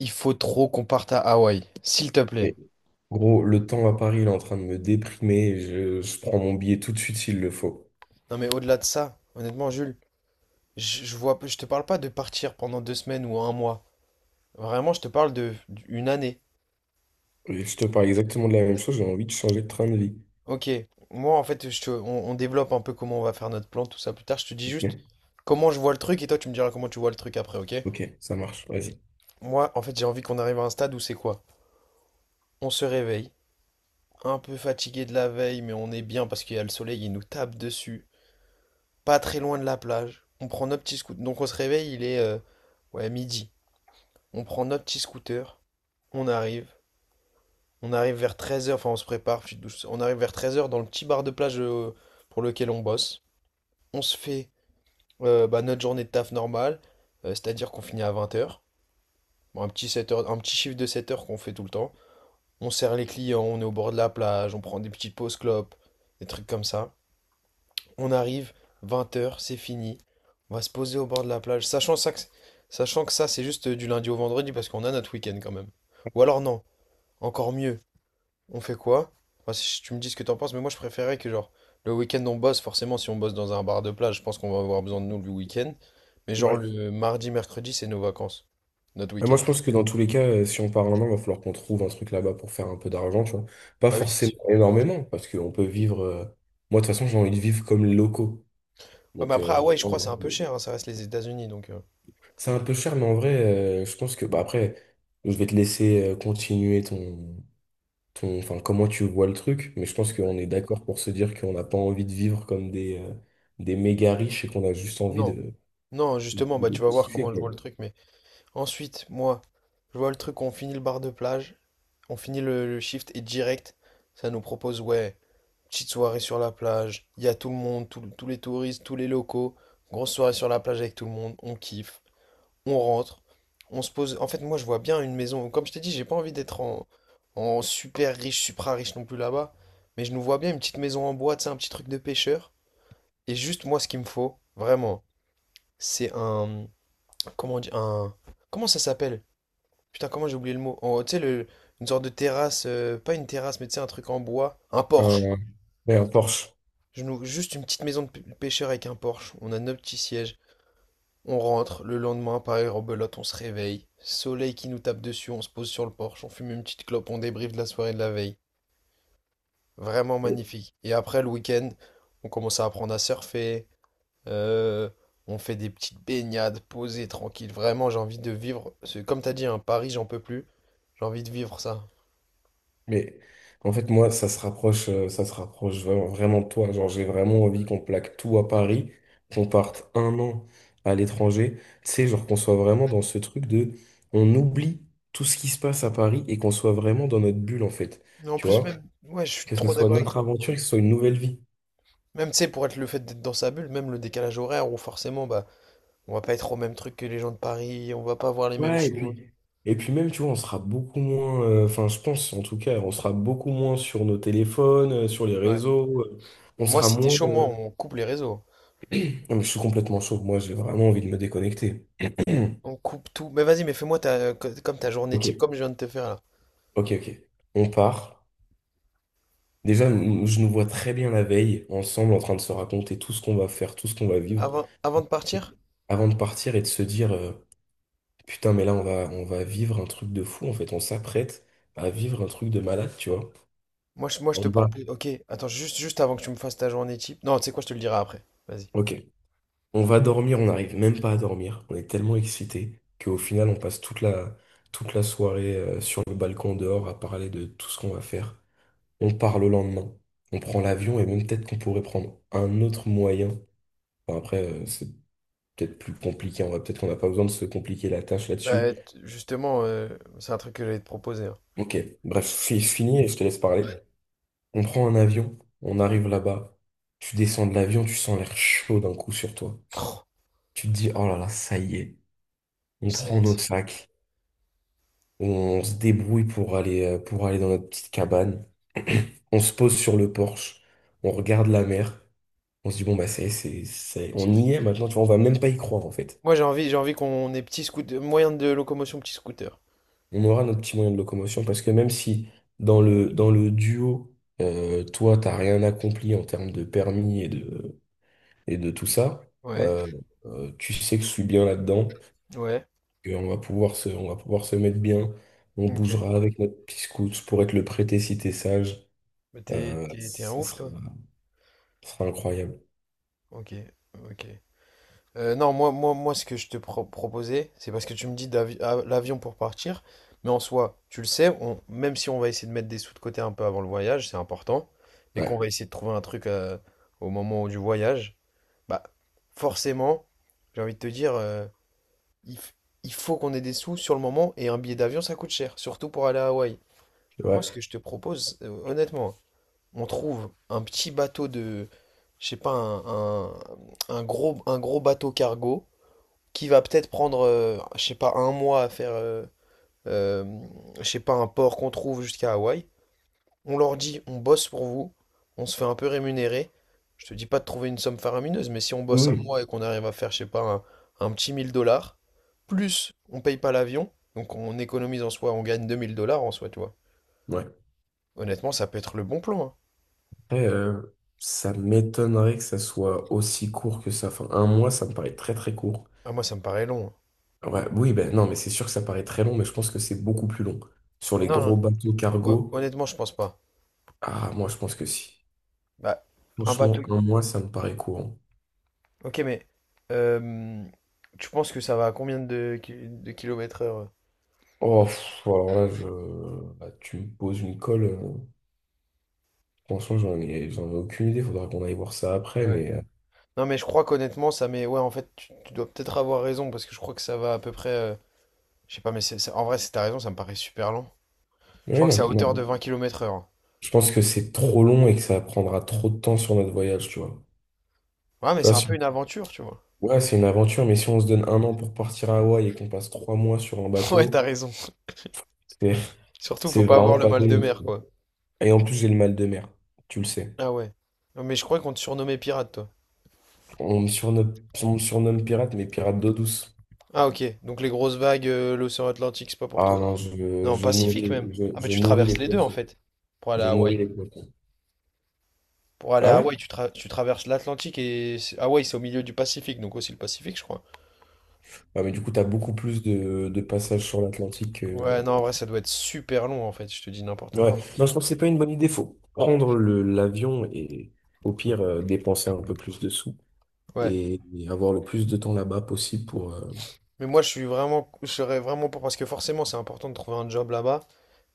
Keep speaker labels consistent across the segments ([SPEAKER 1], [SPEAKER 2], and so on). [SPEAKER 1] Il faut trop qu'on parte à Hawaï, s'il te plaît.
[SPEAKER 2] Mais gros, le temps à Paris, il est en train de me déprimer. Je prends mon billet tout de suite s'il le faut.
[SPEAKER 1] Non mais au-delà de ça, honnêtement Jules, je te parle pas de partir pendant 2 semaines ou un mois. Vraiment, je te parle de une année.
[SPEAKER 2] Et je te parle exactement de la même chose, j'ai envie de changer de train de vie.
[SPEAKER 1] Ok, moi en fait, on développe un peu comment on va faire notre plan, tout ça plus tard. Je te dis juste
[SPEAKER 2] Ok,
[SPEAKER 1] comment je vois le truc et toi tu me diras comment tu vois le truc après, ok?
[SPEAKER 2] ok, ça marche, vas-y.
[SPEAKER 1] Moi, en fait, j'ai envie qu'on arrive à un stade où c'est quoi? On se réveille, un peu fatigué de la veille, mais on est bien parce qu'il y a le soleil, il nous tape dessus. Pas très loin de la plage. On prend nos petits scouts. Donc on se réveille, il est ouais, midi. On prend notre petit scooter, on arrive, on arrive vers 13 heures, enfin, on se prépare. Petite On arrive vers 13 heures dans le petit bar de plage, pour lequel on bosse. On se fait, bah, notre journée de taf normale, c'est-à-dire qu'on finit à vingt heures. Bon, un petit chiffre de 7 heures qu'on fait tout le temps. On sert les clients, on est au bord de la plage, on prend des petites pauses clopes, des trucs comme ça. On arrive, 20 heures c'est fini. On va se poser au bord de la plage, sachant que ça c'est juste du lundi au vendredi parce qu'on a notre week-end quand même. Ou alors non, encore mieux, on fait quoi? Enfin, si tu me dis ce que t'en penses, mais moi je préférais que genre le week-end on bosse, forcément si on bosse dans un bar de plage, je pense qu'on va avoir besoin de nous le week-end. Mais genre
[SPEAKER 2] Ouais.
[SPEAKER 1] le mardi, mercredi, c'est nos vacances. Notre
[SPEAKER 2] Mais
[SPEAKER 1] week-end.
[SPEAKER 2] moi, je pense que dans tous les cas, si on part un an, il va falloir qu'on trouve un truc là-bas pour faire un peu d'argent, tu vois. Pas
[SPEAKER 1] Bah oui, c'est
[SPEAKER 2] forcément
[SPEAKER 1] sûr.
[SPEAKER 2] énormément, parce qu'on peut vivre. Moi, de toute façon, j'ai envie de vivre comme les locaux.
[SPEAKER 1] Ouais, mais
[SPEAKER 2] Donc,
[SPEAKER 1] après,
[SPEAKER 2] j'ai
[SPEAKER 1] Hawaï, je
[SPEAKER 2] pas
[SPEAKER 1] crois,
[SPEAKER 2] envie
[SPEAKER 1] c'est un peu
[SPEAKER 2] de-
[SPEAKER 1] cher, hein, ça reste les États-Unis, donc.
[SPEAKER 2] c'est un peu cher, mais en vrai, je pense que. Bah, après, je vais te laisser continuer ton. Ton, enfin, comment tu vois le truc, mais je pense
[SPEAKER 1] Ouais.
[SPEAKER 2] qu'on est d'accord pour se dire qu'on n'a pas envie de vivre comme des méga riches et qu'on a juste envie
[SPEAKER 1] Non.
[SPEAKER 2] de,
[SPEAKER 1] Non,
[SPEAKER 2] de,
[SPEAKER 1] justement, bah
[SPEAKER 2] de
[SPEAKER 1] tu vas voir
[SPEAKER 2] kiffer,
[SPEAKER 1] comment je
[SPEAKER 2] quoi.
[SPEAKER 1] vois le truc, mais ensuite, moi, je vois le truc, on finit le bar de plage, on finit le shift et direct, ça nous propose, ouais, petite soirée sur la plage, il y a tout le monde, tous les touristes, tous les locaux. Grosse soirée sur la plage avec tout le monde, on kiffe, on rentre, on se pose. En fait, moi, je vois bien une maison. Comme je t'ai dit, j'ai pas envie d'être en super riche, supra riche non plus là-bas. Mais je nous vois bien une petite maison en bois, tu sais, un petit truc de pêcheur. Et juste, moi, ce qu'il me faut, vraiment, c'est un. Comment on dit? Un. Comment ça s'appelle? Putain, comment j'ai oublié le mot? Tu sais, une sorte de terrasse, pas une terrasse, mais tu sais, un truc en bois. Un porche.
[SPEAKER 2] Un, ouais, un Porsche.
[SPEAKER 1] Je loue juste une petite maison de pêcheur avec un Porsche. On a nos petits sièges. On rentre. Le lendemain, pareil, rebelote, on se réveille. Soleil qui nous tape dessus, on se pose sur le Porsche. On fume une petite clope, on débriefe de la soirée de la veille. Vraiment
[SPEAKER 2] Mais,
[SPEAKER 1] magnifique. Et après, le week-end, on commence à apprendre à surfer. euh, on fait des petites baignades, posées, tranquilles. Vraiment, j'ai envie de vivre. Comme t'as dit, hein, Paris, j'en peux plus. J'ai envie de vivre ça.
[SPEAKER 2] mais en fait, moi, ça se rapproche vraiment de toi. Genre, j'ai vraiment envie qu'on plaque tout à Paris, qu'on parte un an à l'étranger. Tu sais, genre qu'on soit vraiment dans ce truc de, on oublie tout ce qui se passe à Paris et qu'on soit vraiment dans notre bulle, en fait.
[SPEAKER 1] Mais en
[SPEAKER 2] Tu
[SPEAKER 1] plus,
[SPEAKER 2] vois?
[SPEAKER 1] même, ouais, je suis
[SPEAKER 2] Que ce
[SPEAKER 1] trop
[SPEAKER 2] soit
[SPEAKER 1] d'accord avec
[SPEAKER 2] notre
[SPEAKER 1] toi.
[SPEAKER 2] aventure, que ce soit une nouvelle vie.
[SPEAKER 1] Même, tu sais, pour être le fait d'être dans sa bulle, même le décalage horaire où forcément, bah, on va pas être au même truc que les gens de Paris, on va pas voir les mêmes
[SPEAKER 2] Ouais,
[SPEAKER 1] choses.
[SPEAKER 2] et puis même, tu vois, on sera beaucoup moins, enfin, je pense en tout cas, on sera beaucoup moins sur nos téléphones, sur les
[SPEAKER 1] Ouais.
[SPEAKER 2] réseaux, on
[SPEAKER 1] Moi,
[SPEAKER 2] sera
[SPEAKER 1] si t'es
[SPEAKER 2] moins.
[SPEAKER 1] chaud, moi, on coupe les réseaux.
[SPEAKER 2] Non, mais je suis complètement chaud, moi, j'ai vraiment envie de me déconnecter.
[SPEAKER 1] On coupe tout. Mais vas-y, mais fais-moi comme ta journée
[SPEAKER 2] Ok,
[SPEAKER 1] type, comme je viens de te faire là.
[SPEAKER 2] ok, ok. On part. Déjà, nous- je nous vois très bien la veille, ensemble, en train de se raconter tout ce qu'on va faire, tout ce qu'on va vivre,
[SPEAKER 1] Avant de
[SPEAKER 2] et
[SPEAKER 1] partir,
[SPEAKER 2] avant de partir et de se dire, putain, mais là, on va vivre un truc de fou, en fait, on s'apprête à vivre un truc de malade, tu vois.
[SPEAKER 1] moi, je te
[SPEAKER 2] On va.
[SPEAKER 1] propose. Ok, attends, juste avant que tu me fasses ta journée type. Non, tu sais quoi, je te le dirai après. Vas-y.
[SPEAKER 2] Ok. On va dormir, on n'arrive même pas à dormir. On est tellement excités qu'au final, on passe toute la soirée sur le balcon dehors à parler de tout ce qu'on va faire. On part le lendemain. On prend l'avion et même peut-être qu'on pourrait prendre un autre moyen. Enfin, après, c'est peut-être plus compliqué. On va peut-être qu'on n'a pas besoin de se compliquer la tâche là-dessus.
[SPEAKER 1] Bah, justement, c'est un truc que j'allais te proposer, hein.
[SPEAKER 2] Ok, bref, fi- fini et je te laisse parler.
[SPEAKER 1] Ouais.
[SPEAKER 2] On prend un avion, on arrive là-bas. Tu descends de l'avion, tu sens l'air chaud d'un coup sur toi.
[SPEAKER 1] Oh,
[SPEAKER 2] Tu te dis, oh là là, ça y est. On
[SPEAKER 1] ça y
[SPEAKER 2] prend
[SPEAKER 1] est, c'est
[SPEAKER 2] notre
[SPEAKER 1] fait,
[SPEAKER 2] sac. On se débrouille pour aller dans notre petite cabane. On se pose sur le porche. On regarde la mer. On se dit, bon, bah, c'est-
[SPEAKER 1] c'est
[SPEAKER 2] on
[SPEAKER 1] fini.
[SPEAKER 2] y est maintenant. Tu vois, on va même pas y croire, en fait.
[SPEAKER 1] Moi, j'ai envie qu'on ait petit scooter, moyen de locomotion, petit scooter.
[SPEAKER 2] On aura notre petit moyen de locomotion parce que même si dans le duo, toi, t'as rien accompli en termes de permis et de tout ça,
[SPEAKER 1] Ouais,
[SPEAKER 2] euh, tu sais que je suis bien là-dedans,
[SPEAKER 1] ouais,
[SPEAKER 2] que on va pouvoir se mettre bien. On
[SPEAKER 1] ok.
[SPEAKER 2] bougera avec notre petit scout pour être le prêté si t'es sage.
[SPEAKER 1] Mais t'es,
[SPEAKER 2] Euh,
[SPEAKER 1] t'es, t'es un
[SPEAKER 2] ça
[SPEAKER 1] ouf,
[SPEAKER 2] sera,
[SPEAKER 1] toi?
[SPEAKER 2] ça sera incroyable.
[SPEAKER 1] Ok, ok. Non, moi, ce que je te proposais, c'est parce que tu me dis l'avion pour partir, mais en soi, tu le sais, même si on va essayer de mettre des sous de côté un peu avant le voyage, c'est important, et qu'on
[SPEAKER 2] Ouais,
[SPEAKER 1] va essayer de trouver un truc, au moment du voyage, bah, forcément, j'ai envie de te dire, il, f- il faut qu'on ait des sous sur le moment, et un billet d'avion, ça coûte cher, surtout pour aller à Hawaï. Moi,
[SPEAKER 2] ouais.
[SPEAKER 1] ce que je te propose, honnêtement, on trouve un petit bateau de, je sais pas, un gros bateau cargo qui va peut-être prendre, je sais pas, un mois à faire, euh, je sais pas, un port qu'on trouve jusqu'à Hawaï. On leur dit, on bosse pour vous, on se fait un peu rémunérer. Je te dis pas de trouver une somme faramineuse, mais si on
[SPEAKER 2] Oui,
[SPEAKER 1] bosse un
[SPEAKER 2] oui.
[SPEAKER 1] mois et qu'on arrive à faire, je sais pas, un petit 1 000 dollars, plus on paye pas l'avion, donc on économise en soi, on gagne 2 000 dollars en soi, tu vois.
[SPEAKER 2] Ouais.
[SPEAKER 1] Honnêtement, ça peut être le bon plan, hein.
[SPEAKER 2] Après, ça m'étonnerait que ça soit aussi court que ça. Enfin, un mois, ça me paraît très très court.
[SPEAKER 1] Ah, moi, ça me paraît long, hein.
[SPEAKER 2] Ouais, oui, ben non, mais c'est sûr que ça paraît très long, mais je pense que c'est beaucoup plus long. Sur les
[SPEAKER 1] Non, non,
[SPEAKER 2] gros bateaux cargo,
[SPEAKER 1] honnêtement, je pense pas.
[SPEAKER 2] ah, moi, je pense que si.
[SPEAKER 1] Bah, un
[SPEAKER 2] Franchement,
[SPEAKER 1] bateau.
[SPEAKER 2] un mois, ça me paraît courant.
[SPEAKER 1] Ok, mais euh, tu penses que ça va à combien de kilomètres heure?
[SPEAKER 2] Oh, pff, alors là, je... là, tu me poses une colle. Franchement, j'en ai aucune idée. Faudra qu'on aille voir ça après,
[SPEAKER 1] Ouais.
[SPEAKER 2] mais.
[SPEAKER 1] Non, mais je crois qu'honnêtement, ça met. Ouais, en fait, tu dois peut-être avoir raison parce que je crois que ça va à peu près. Je sais pas, mais en vrai, si t'as raison, ça me paraît super lent. Je
[SPEAKER 2] Ouais,
[SPEAKER 1] crois que
[SPEAKER 2] non,
[SPEAKER 1] c'est à
[SPEAKER 2] mais
[SPEAKER 1] hauteur
[SPEAKER 2] non,
[SPEAKER 1] de 20 km/h.
[SPEAKER 2] je pense que c'est trop long et que ça prendra trop de temps sur notre voyage, tu vois.
[SPEAKER 1] Ouais,
[SPEAKER 2] Tu
[SPEAKER 1] mais c'est
[SPEAKER 2] vois,
[SPEAKER 1] un
[SPEAKER 2] si-
[SPEAKER 1] peu une aventure, tu vois.
[SPEAKER 2] ouais, c'est une aventure, mais si on se donne un an pour partir à Hawaï et qu'on passe trois mois sur un
[SPEAKER 1] Ouais, t'as
[SPEAKER 2] bateau,
[SPEAKER 1] raison.
[SPEAKER 2] c'est
[SPEAKER 1] Surtout, faut
[SPEAKER 2] c'est
[SPEAKER 1] pas
[SPEAKER 2] vraiment
[SPEAKER 1] avoir le
[SPEAKER 2] pas
[SPEAKER 1] mal de
[SPEAKER 2] bon.
[SPEAKER 1] mer, quoi.
[SPEAKER 2] Et en plus, j'ai le mal de mer, tu le sais.
[SPEAKER 1] Ah ouais. Non, mais je crois qu'on te surnommait pirate, toi.
[SPEAKER 2] On me surnomme, on me surnomme pirate, mais pirate d'eau douce.
[SPEAKER 1] Ah ok, donc les grosses vagues, l'océan Atlantique, c'est pas pour toi.
[SPEAKER 2] Ah non,
[SPEAKER 1] Non, Pacifique même.
[SPEAKER 2] je,
[SPEAKER 1] Ah, mais
[SPEAKER 2] je
[SPEAKER 1] tu
[SPEAKER 2] nourris les
[SPEAKER 1] traverses les deux en
[SPEAKER 2] poissons.
[SPEAKER 1] fait pour aller
[SPEAKER 2] Je
[SPEAKER 1] à Hawaï.
[SPEAKER 2] nourris les poissons.
[SPEAKER 1] Pour aller
[SPEAKER 2] Ah
[SPEAKER 1] à
[SPEAKER 2] ouais?
[SPEAKER 1] Hawaï, tu traverses l'Atlantique et Hawaï, c'est au milieu du Pacifique, donc aussi le Pacifique, je crois.
[SPEAKER 2] Ah, mais du coup, t'as beaucoup plus de passages sur l'Atlantique.
[SPEAKER 1] Ouais, non, en vrai, ça doit être super long, en fait, je te dis n'importe
[SPEAKER 2] Ouais.
[SPEAKER 1] quoi.
[SPEAKER 2] Non, je pense que c'est pas une bonne idée. Faut prendre le- l'avion et au pire dépenser un peu plus de sous
[SPEAKER 1] Ouais.
[SPEAKER 2] et avoir le plus de temps là-bas possible pour
[SPEAKER 1] Mais moi, je serais vraiment pour, parce que forcément, c'est important de trouver un job là-bas,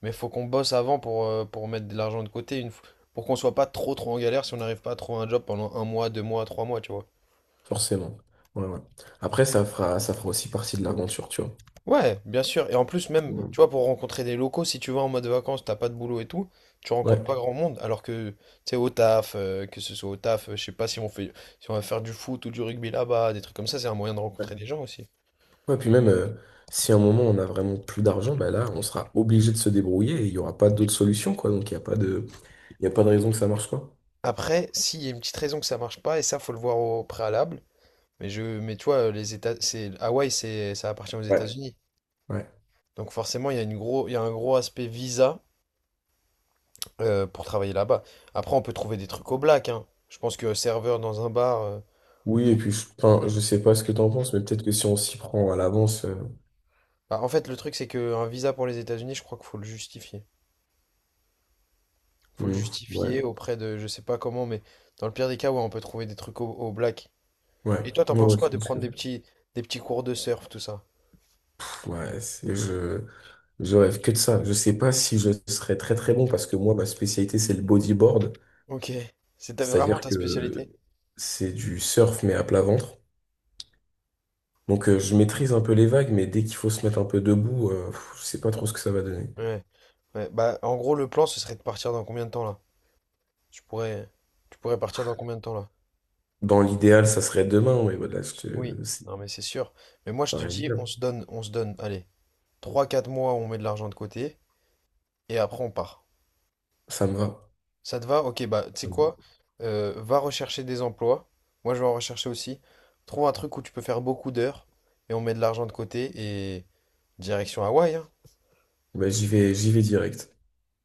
[SPEAKER 1] mais faut qu'on bosse avant pour mettre de l'argent de côté, pour qu'on soit pas trop, trop en galère si on n'arrive pas à trouver un job pendant un mois, deux mois, trois mois, tu vois.
[SPEAKER 2] forcément. Ouais, ouais. Après, ça fera aussi partie de l'aventure, tu vois.
[SPEAKER 1] Ouais, bien sûr. Et en plus, même,
[SPEAKER 2] Ouais.
[SPEAKER 1] tu vois, pour rencontrer des locaux, si tu vas en mode vacances, t'as pas de boulot et tout, tu rencontres
[SPEAKER 2] Ouais.
[SPEAKER 1] pas grand monde. Alors que, tu sais, que ce soit au taf, je sais pas si on va faire du foot ou du rugby là-bas, des trucs comme ça, c'est un moyen de rencontrer
[SPEAKER 2] Ouais.
[SPEAKER 1] des gens aussi.
[SPEAKER 2] Ouais, puis même si à un moment on a vraiment plus d'argent, bah là, on sera obligé de se débrouiller et il n'y aura pas d'autre solution, quoi. Donc il y a pas de raison que ça marche, quoi.
[SPEAKER 1] Après, s'il y a une petite raison que ça marche pas, et ça, faut le voir au préalable. Mais tu vois, Hawaï, ça appartient aux
[SPEAKER 2] Ouais.
[SPEAKER 1] États-Unis.
[SPEAKER 2] Ouais.
[SPEAKER 1] Donc forcément, il y a une gros, il y a un gros aspect visa, pour travailler là-bas. Après, on peut trouver des trucs au black, hein. Je pense que serveur dans un bar.
[SPEAKER 2] Oui, et puis je, enfin, je sais pas ce que t'en penses, mais peut-être que si on s'y prend à l'avance,
[SPEAKER 1] Bah, en fait, le truc, c'est qu'un visa pour les États-Unis, je crois qu'il faut le justifier. Faut le
[SPEAKER 2] hmm,
[SPEAKER 1] justifier
[SPEAKER 2] ouais.
[SPEAKER 1] auprès de, je sais pas comment, mais dans le pire des cas, ouais, on peut trouver des trucs au black.
[SPEAKER 2] Ouais,
[SPEAKER 1] Et toi, t'en
[SPEAKER 2] moi, ouais,
[SPEAKER 1] penses
[SPEAKER 2] ouais,
[SPEAKER 1] quoi
[SPEAKER 2] je
[SPEAKER 1] de
[SPEAKER 2] pense que
[SPEAKER 1] prendre des petits cours de surf, tout ça?
[SPEAKER 2] ouais, c'est- je rêve que de ça. Je sais pas si je serais très très bon parce que moi, ma spécialité, c'est le bodyboard.
[SPEAKER 1] Ok. Vraiment
[SPEAKER 2] C'est-à-dire
[SPEAKER 1] ta spécialité?
[SPEAKER 2] que c'est du surf mais à plat ventre. Donc je maîtrise un peu les vagues, mais dès qu'il faut se mettre un peu debout, pff, je sais pas trop ce que ça va donner.
[SPEAKER 1] Ouais. Ouais. Bah, en gros, le plan, ce serait de partir dans combien de temps, là? Tu pourrais, tu pourrais partir dans combien de temps, là?
[SPEAKER 2] Dans l'idéal, ça serait demain, mais voilà, je
[SPEAKER 1] Oui.
[SPEAKER 2] te- c'est
[SPEAKER 1] Non, mais c'est sûr. Mais moi, je
[SPEAKER 2] pas
[SPEAKER 1] te dis, on
[SPEAKER 2] réalisable.
[SPEAKER 1] se donne, on se donne, allez, 3, 4 mois, on met de l'argent de côté, et après, on part.
[SPEAKER 2] Ça me va.
[SPEAKER 1] Ça te va? Ok, bah, tu sais
[SPEAKER 2] Ça me va.
[SPEAKER 1] quoi? Va rechercher des emplois. Moi, je vais en rechercher aussi. Trouve un truc où tu peux faire beaucoup d'heures et on met de l'argent de côté et direction Hawaï, hein.
[SPEAKER 2] Bah, j'y vais direct.